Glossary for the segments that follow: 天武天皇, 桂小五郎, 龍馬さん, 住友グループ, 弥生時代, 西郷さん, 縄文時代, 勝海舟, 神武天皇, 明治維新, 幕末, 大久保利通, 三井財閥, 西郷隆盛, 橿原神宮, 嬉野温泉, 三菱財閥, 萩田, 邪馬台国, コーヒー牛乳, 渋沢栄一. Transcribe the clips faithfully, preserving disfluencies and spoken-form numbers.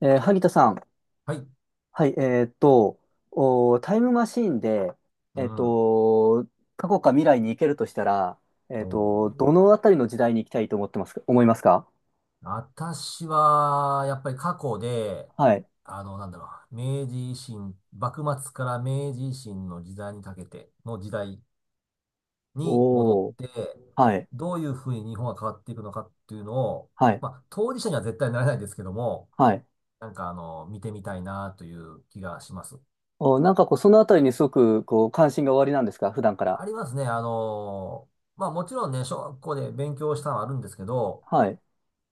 えー萩田さん。はい。はい、えーっと、おー、タイムマシーンで、うえーっん。と、過去か未来に行けるとしたら、えーっおと、ーどのあたりの時代に行きたいと思ってますか、思いますか。私は、やっぱり過去で、はい。あの、なんだろう、明治維新、幕末から明治維新の時代にかけての時代に戻っおー、て、はい、どういうふうに日本が変わっていくのかっていうのを、はい、まあ、当事者には絶対なれないですけども、はい。なんか、あの、見てみたいなという気がします。おー、なんかこう、そのあたりにすごく、こう、関心がおありなんですか、普段から。ありますね。あの、まあ、もちろんね、小学校で勉強したのはあるんですけど、はい、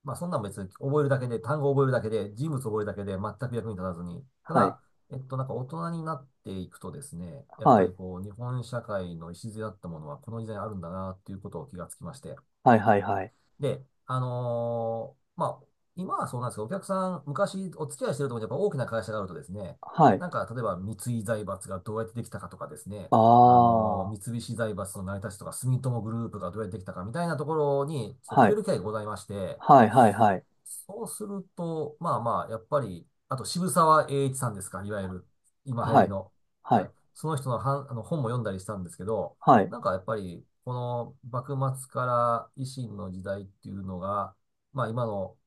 まあ、そんなん別に覚えるだけで、単語覚えるだけで、人物覚えるだけで、全く役に立たずに。たはい、だ、えっと、なんか大人になっていくとですね、やっはぱい、りこう、日本社会の礎だったものは、この時代にあるんだな、っていうことを気がつきまして。はい、はい、はい。で、あのーまあ、今はそうなんですけど、お客さん、昔お付き合いしてるところにやっぱ大きな会社があるとですね、はい。なんか、例えば三井財閥がどうやってできたかとかですね、あああ、のーは三菱財閥の成り立ちとか、住友グループがどうやってできたかみたいなところい、に、ちょっとは触れる機会がございまして、い、はい、はい、そうすると、まあまあ、やっぱり、あと渋沢栄一さんですか、いわゆる、今流行はりい、の。ははい、い。その人のはん、あの本も読んだりしたんですけど、はい、なんかやっぱり、この幕末から維新の時代っていうのが、まあ今の、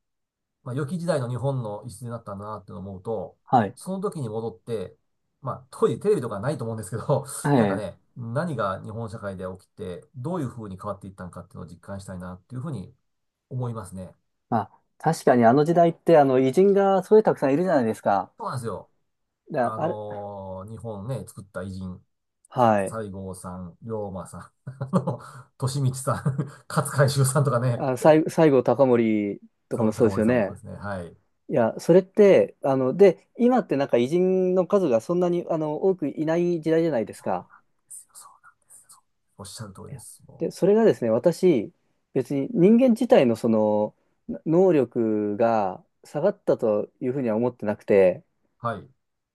まあ良き時代の日本の礎になったなって思うと、はい、その時に戻って、まあ当時テレビとかないと思うんですけど、は なんかい、えね、え、何が日本社会で起きて、どういう風に変わっていったのかっていうのを実感したいなっていうふうに思いますね。まあ、確かにあの時代って、あの、偉人がすごいたくさんいるじゃないですか。そうなんですよ。であああれ、のー日本ね、作った偉人、はい。西郷さん、龍馬さん、あの、利光さん、勝海舟さんとかね、あ、西西郷隆盛とかそもう、そう高です森よさんもそうね。ですね。はい。いや、それって、あの、で、今ってなんか偉人の数がそんなに、あの、多くいない時代じゃないですそうか。ですよ、そうなんですよ。そうおっしゃる通りいでやす。もで、それがですね、私、別に人間自体のその、な能力が下がったというふうには思ってなくて、う。はい。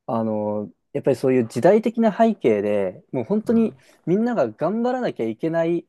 あの、やっぱりそういう時代的な背景で、もう本う当にん、みんなが頑張らなきゃいけない、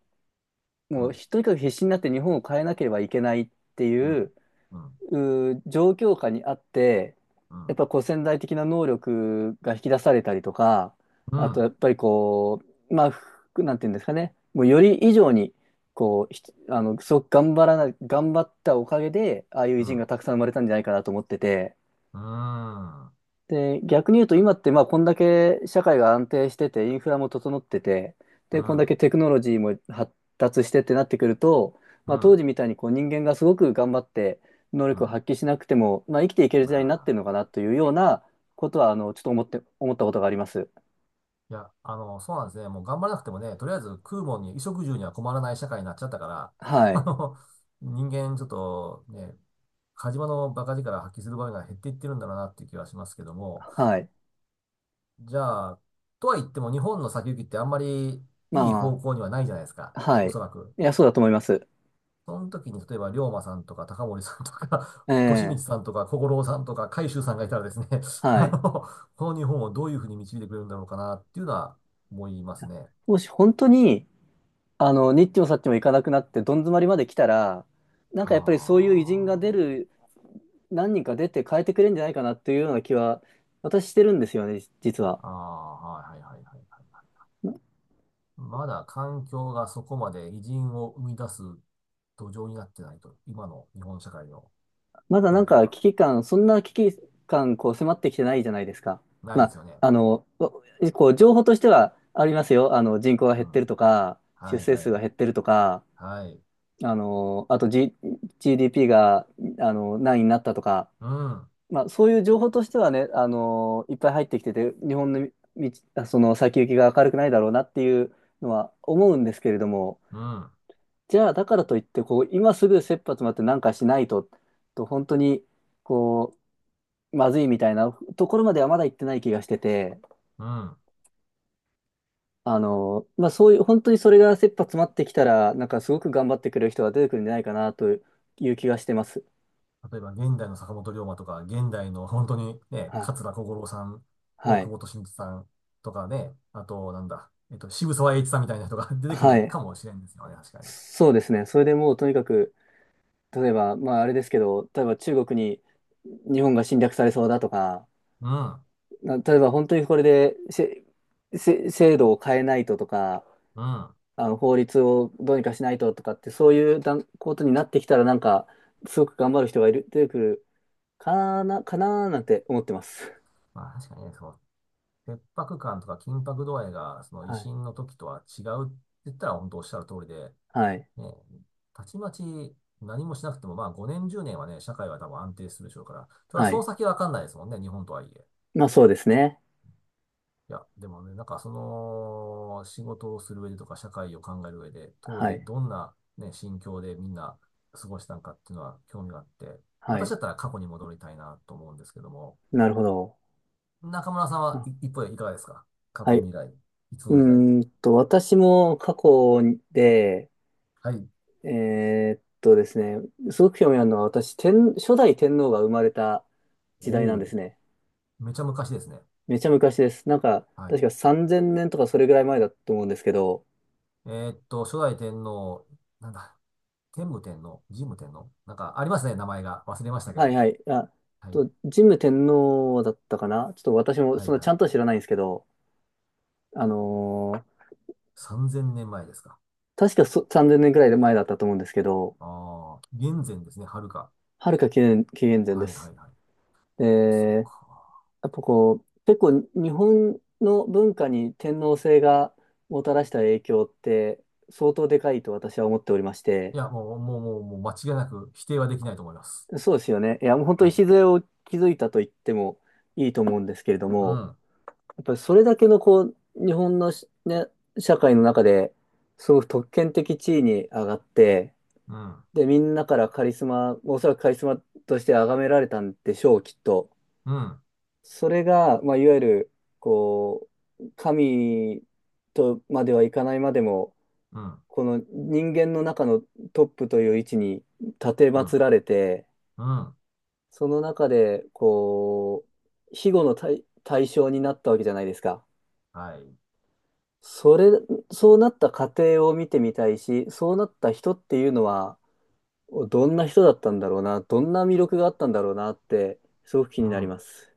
うもうん、とにかく必死になって日本を変えなければいけないってういん、ううん、うー状況下にあって、うやっん、ぱこう潜在的な能力が引き出されたりとか、うあとん、やっぱりこうまあふなんていうんですかね、もうより以上にこうひあの、すごく頑張らな頑張ったおかげで、ああいうう偉ん、う人がん、たくさん生まれたんじゃないかなと思ってて。うん、で、逆に言うと今って、まあこんだけ社会が安定してて、インフラも整ってて、でこんだけテクノロジーも発達してってなってくると、うまあ、当ん、時みたいにこう人間がすごく頑張って能う力をん。発揮しなくても、まあ、生きていけるま時代になってるのあ、かなというようなことは、あのちょっと思って思ったことがあります。いや、あの、そうなんですね。もう頑張らなくてもね、とりあえず食うもんに、衣食住には困らない社会になっちゃったから、は あい。の、人間ちょっとね、火事場の馬鹿力発揮する場面が減っていってるんだろうなっていう気はしますけども、はい。じゃあ、とは言っても日本の先行きってあんまりまいあい方ま向にはないじゃないですか。あ。はおい。そらく。いや、そうだと思います。その時に、例えば、龍馬さんとか、高森さんとか、利光ええ、さんとか、小五郎さんとか、海舟さんがいたらですね、はあい。の、この日本をどういうふうに導いてくれるんだろうかなっていうのは思いますね。もし本当に、あの、にっちもさっちも行かなくなって、どん詰まりまで来たら、なんかあやっぱりそういう偉人が出る、何人か出て変えてくれるんじゃないかなっていうような気は、私してるんですよね、じ実は。あ、ああ、はいはいはいはいはい。ままだ環境がそこまで偉人を生み出す土壌になってないと、今の日本社会のまだ状なん況かが危機感、そんな危機感、こう迫ってきてないじゃないですか。ないまであ、すよね。あの、おこう、情報としてはありますよ。あの、人口が減うっん。てるとか、出はい生は数い。が減ってるとか、はい。あの、あと、G、d p が、あの、何位になったとか、うん、まあ、そういう情報としてはね、あのーいっぱい入ってきてて、日本の道、あその先行きが明るくないだろうなっていうのは思うんですけれども、うん、じゃあ、だからといって、こう、今すぐ切羽詰まってなんかしないと、と本当に、こう、まずいみたいなところまではまだ行ってない気がしてて、うん。あのー、まあ、そういう、本当にそれが切羽詰まってきたら、なんかすごく頑張ってくれる人が出てくるんじゃないかなという気がしてます。例えば、現代の坂本龍馬とか、現代の 本当にね、はい。桂小五郎さん、は大久い。保利通さんとかね、あと、なんだ、えっと、渋沢栄一さんみたいな人が 出てくはるい。かもしれんですよね、確かに。そうですね。それでもうとにかく、例えば、まああれですけど、例えば中国に日本が侵略されそうだとか、うん、うん。な例えば本当にこれでせせ制度を変えないととか、まあの法律をどうにかしないととかって、そういうだんことになってきたら、なんか、すごく頑張る人がいる、出てくるかな、かなーなんて思ってます。あ、確かにね、その、切迫感とか緊迫度合いが、その、維はい。新の時とは違うって言ったら、本当おっしゃる通りで、はい。ね、たちまち何もしなくても、まあ、ごねん、じゅうねんはね、社会は多分安定するでしょうから、ただ、はそのい。先はわかんないですもんね、日本とはいえ。まあそうですね。いや、でもね、なんかその、仕事をする上でとか、社会を考える上で、当は時い。どんなね、心境でみんな過ごしたのかっていうのは興味があって、は私い。だったら過去に戻りたいなと思うんですけども、なるほど。中村さん、はい、あ、一方でいかがですか？過は去、い。う未来、いつの時代。ーんと、私も過去で、はい。えーっとですね、すごく興味あるのは、私、天、初代天皇が生まれたお時代なんでお。すね。めちゃ昔ですね。めちゃ昔です。なんか、はい。確かさんぜんねんとかそれぐらい前だと思うんですけど、えーっと、初代天皇、なんだ、天武天皇、神武天皇、なんかありますね、名前が。忘れましたけはいど。はい。あ、はい。と、神武天皇だったかな、ちょっと私もはそいんなちはい。ゃんとは知らないんですけど、あのー、さんぜんねんまえですか？確かそさんぜんねんぐらい前だったと思うんですけど、ああ、現前ですね、はるか。はるか紀元、紀元前はでいはす。いはい。で、そっか。やっぱこう、結構日本の文化に天皇制がもたらした影響って相当でかいと私は思っておりましいて、や、もう、もう、もう、もう間違いなく否定はできないと思います。そうですよね。いや、もう本当はい。礎を築いたと言ってもいいと思うんですけれどうも、ん、やっぱりそれだけのこう、日本のしね、社会の中で、すごく特権的地位に上がって、うん、で、みんなからカリスマ、おそらくカリスマとして崇められたんでしょう、きっと。うん、それが、まあ、いわゆる、こう、神とまではいかないまでも、うん、この人間の中のトップという位置に立てう祀ん、られて、うん。その中で、こう、庇護の対、対象になったわけじゃないですか。はい。それ、そうなった過程を見てみたいし、そうなった人っていうのは、どんな人だったんだろうな、どんな魅力があったんだろうなって、すごく気うになりん。ます。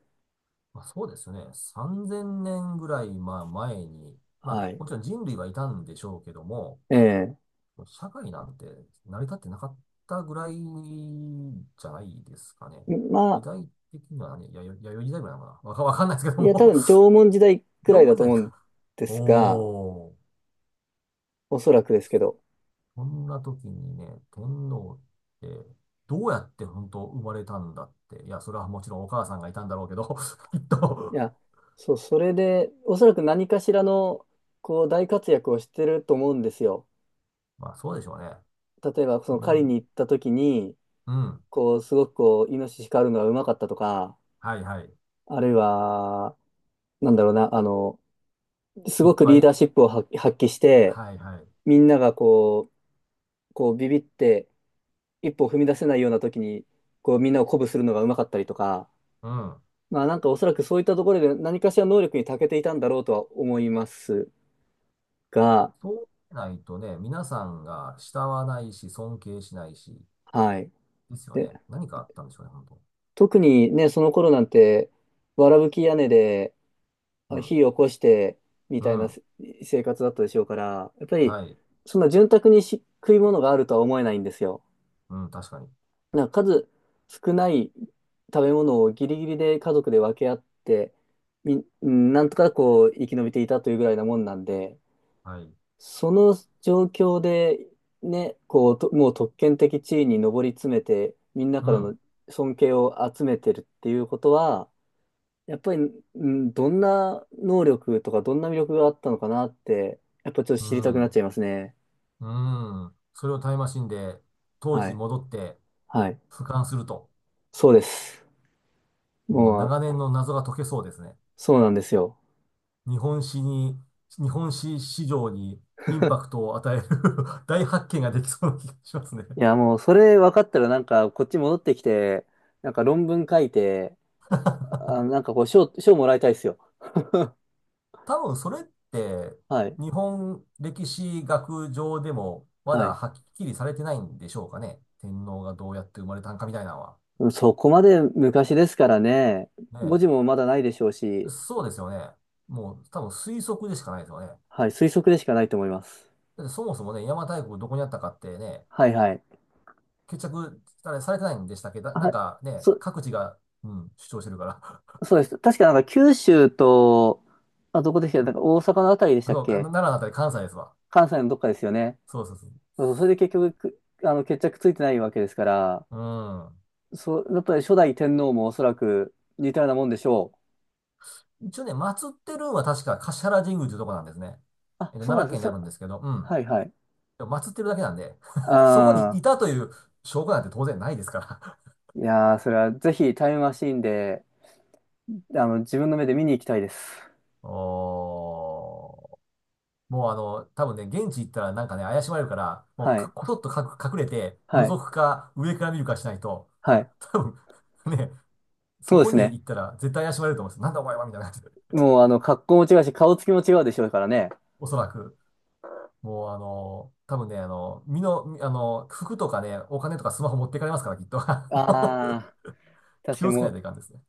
まあ、そうですよね。さんぜんねんぐらい、まあ、前に、まはあ、い。もちろん人類はいたんでしょうけども、ええ。社会なんて成り立ってなかったぐらいじゃないですかね。ま時あ、代的にはね、や、や、弥生時代ぐらいなのかな。わか、わかんないですけどいや、多も分縄文時代く縄らい文だ時と代思うんか。ですが、おー。おそらくですけど。そんな時にね、天皇って、どうやって本当生まれたんだって。いや、それはもちろんお母さんがいたんだろうけど、きっいと。や、そう、それで、おそらく何かしらの、こう、大活躍をしてると思うんですよ。まあ、そうでしょうね。例えば、そみの狩りん、に行った時に、うん。こう、すごくこう、イノシシ狩るのがうまかったとか、はいはい。あるいは、なんだろうな、あの、すいっごくぱリーい。ダーシップを発発揮して、はいはい。みんながこう、こう、ビビって、一歩踏み出せないような時に、こう、みんなを鼓舞するのがうまかったりとか、うん。まあなんかおそらくそういったところで何かしら能力に長けていたんだろうとは思いますが、そうしないとね、皆さんが慕わないし、尊敬しないし、はい。ですよね。で、何かあったんでしょうね、本当。特にね、その頃なんて、わらぶき屋根でうあん。火を起こしてみうたいなん。せ生活だったでしょうから、やっぱりはい。そんな潤沢にし食い物があるとは思えないんですよ。うん、確かに。なんか数少ない食べ物をギリギリで家族で分け合って、み、うんなんとかこう生き延びていたというぐらいなもんなんで、はい。その状況で、ね、こう、ともう特権的地位に上り詰めて、みんなうからのん。尊敬を集めてるっていうことは、やっぱり、うん、どんな能力とか、どんな魅力があったのかなって、やっぱちょっとう知りたくなっん。ちゃいますね。うん。それをタイムマシンで当時はにい。戻ってはい。俯瞰すると、そうです。もうも長う、年の謎が解けそうですね。そうなんですよ。日本史に、日本史史上にインパク トを与える 大発見ができそうな気がしますね。いや、もう、それ分かったら、なんか、こっち戻ってきて、なんか論文書いて、あ、なんかこう、賞、賞もらいたいですよ。多分それってはい。日本歴史学上でもまはだい。はっきりされてないんでしょうかね。天皇がどうやって生まれたんかみたいなのは。そこまで昔ですからね、文ね字もまだないでしょうえ。し、そうですよね。もう多分推測でしかないですよね。だはい、推測でしかないと思います。ってそもそもね、邪馬台国どこにあったかってね、はいはい。決着、あれ、されてないんでしたっけだ、なはんい、かね、そ、各地が、うん、主張してるから。そうです。確かなんか九州と、あ、どこでした っけ、うなんん。か大阪のあたりでしたっそうか、け。奈良だったり関西ですわ。関西のどっかですよね。そうそうそそう、それで結局、くあの、決着ついてないわけですから、う。うそう、やっぱり初代天皇もおそらく似たようなもんでしょう。ん。一応ね、祀ってるんは確か橿原神宮というとこなんですね。あ、えっと、そうな奈ん良で県すにあよ。るんそ、ですけど、うん。はいはい。でも祀ってるだけなんで、そこにあいあ、たという証拠なんて当然ないですから。いやー、それはぜひタイムマシーンで、あの、自分の目で見に行きたいです。おー。もうあの、多分ね、現地行ったらなんかね、怪しまれるから、もうはかい。こそっとかく隠れて、覗はい。くか、上から見るかしないと、はい。多分 ね、そそうでこすにね。行ったら絶対怪しまれると思うんですよ。なんだお前はみたいな感じで。もう、あの、格好も違うし、顔つきも違うでしょうからね。おそらく。もうあの、多分ね、あの、身の、みあの、服とかね、お金とかスマホ持ってかれますから、きっと。あ あ、確気かをにつけもないとう、いかんですね。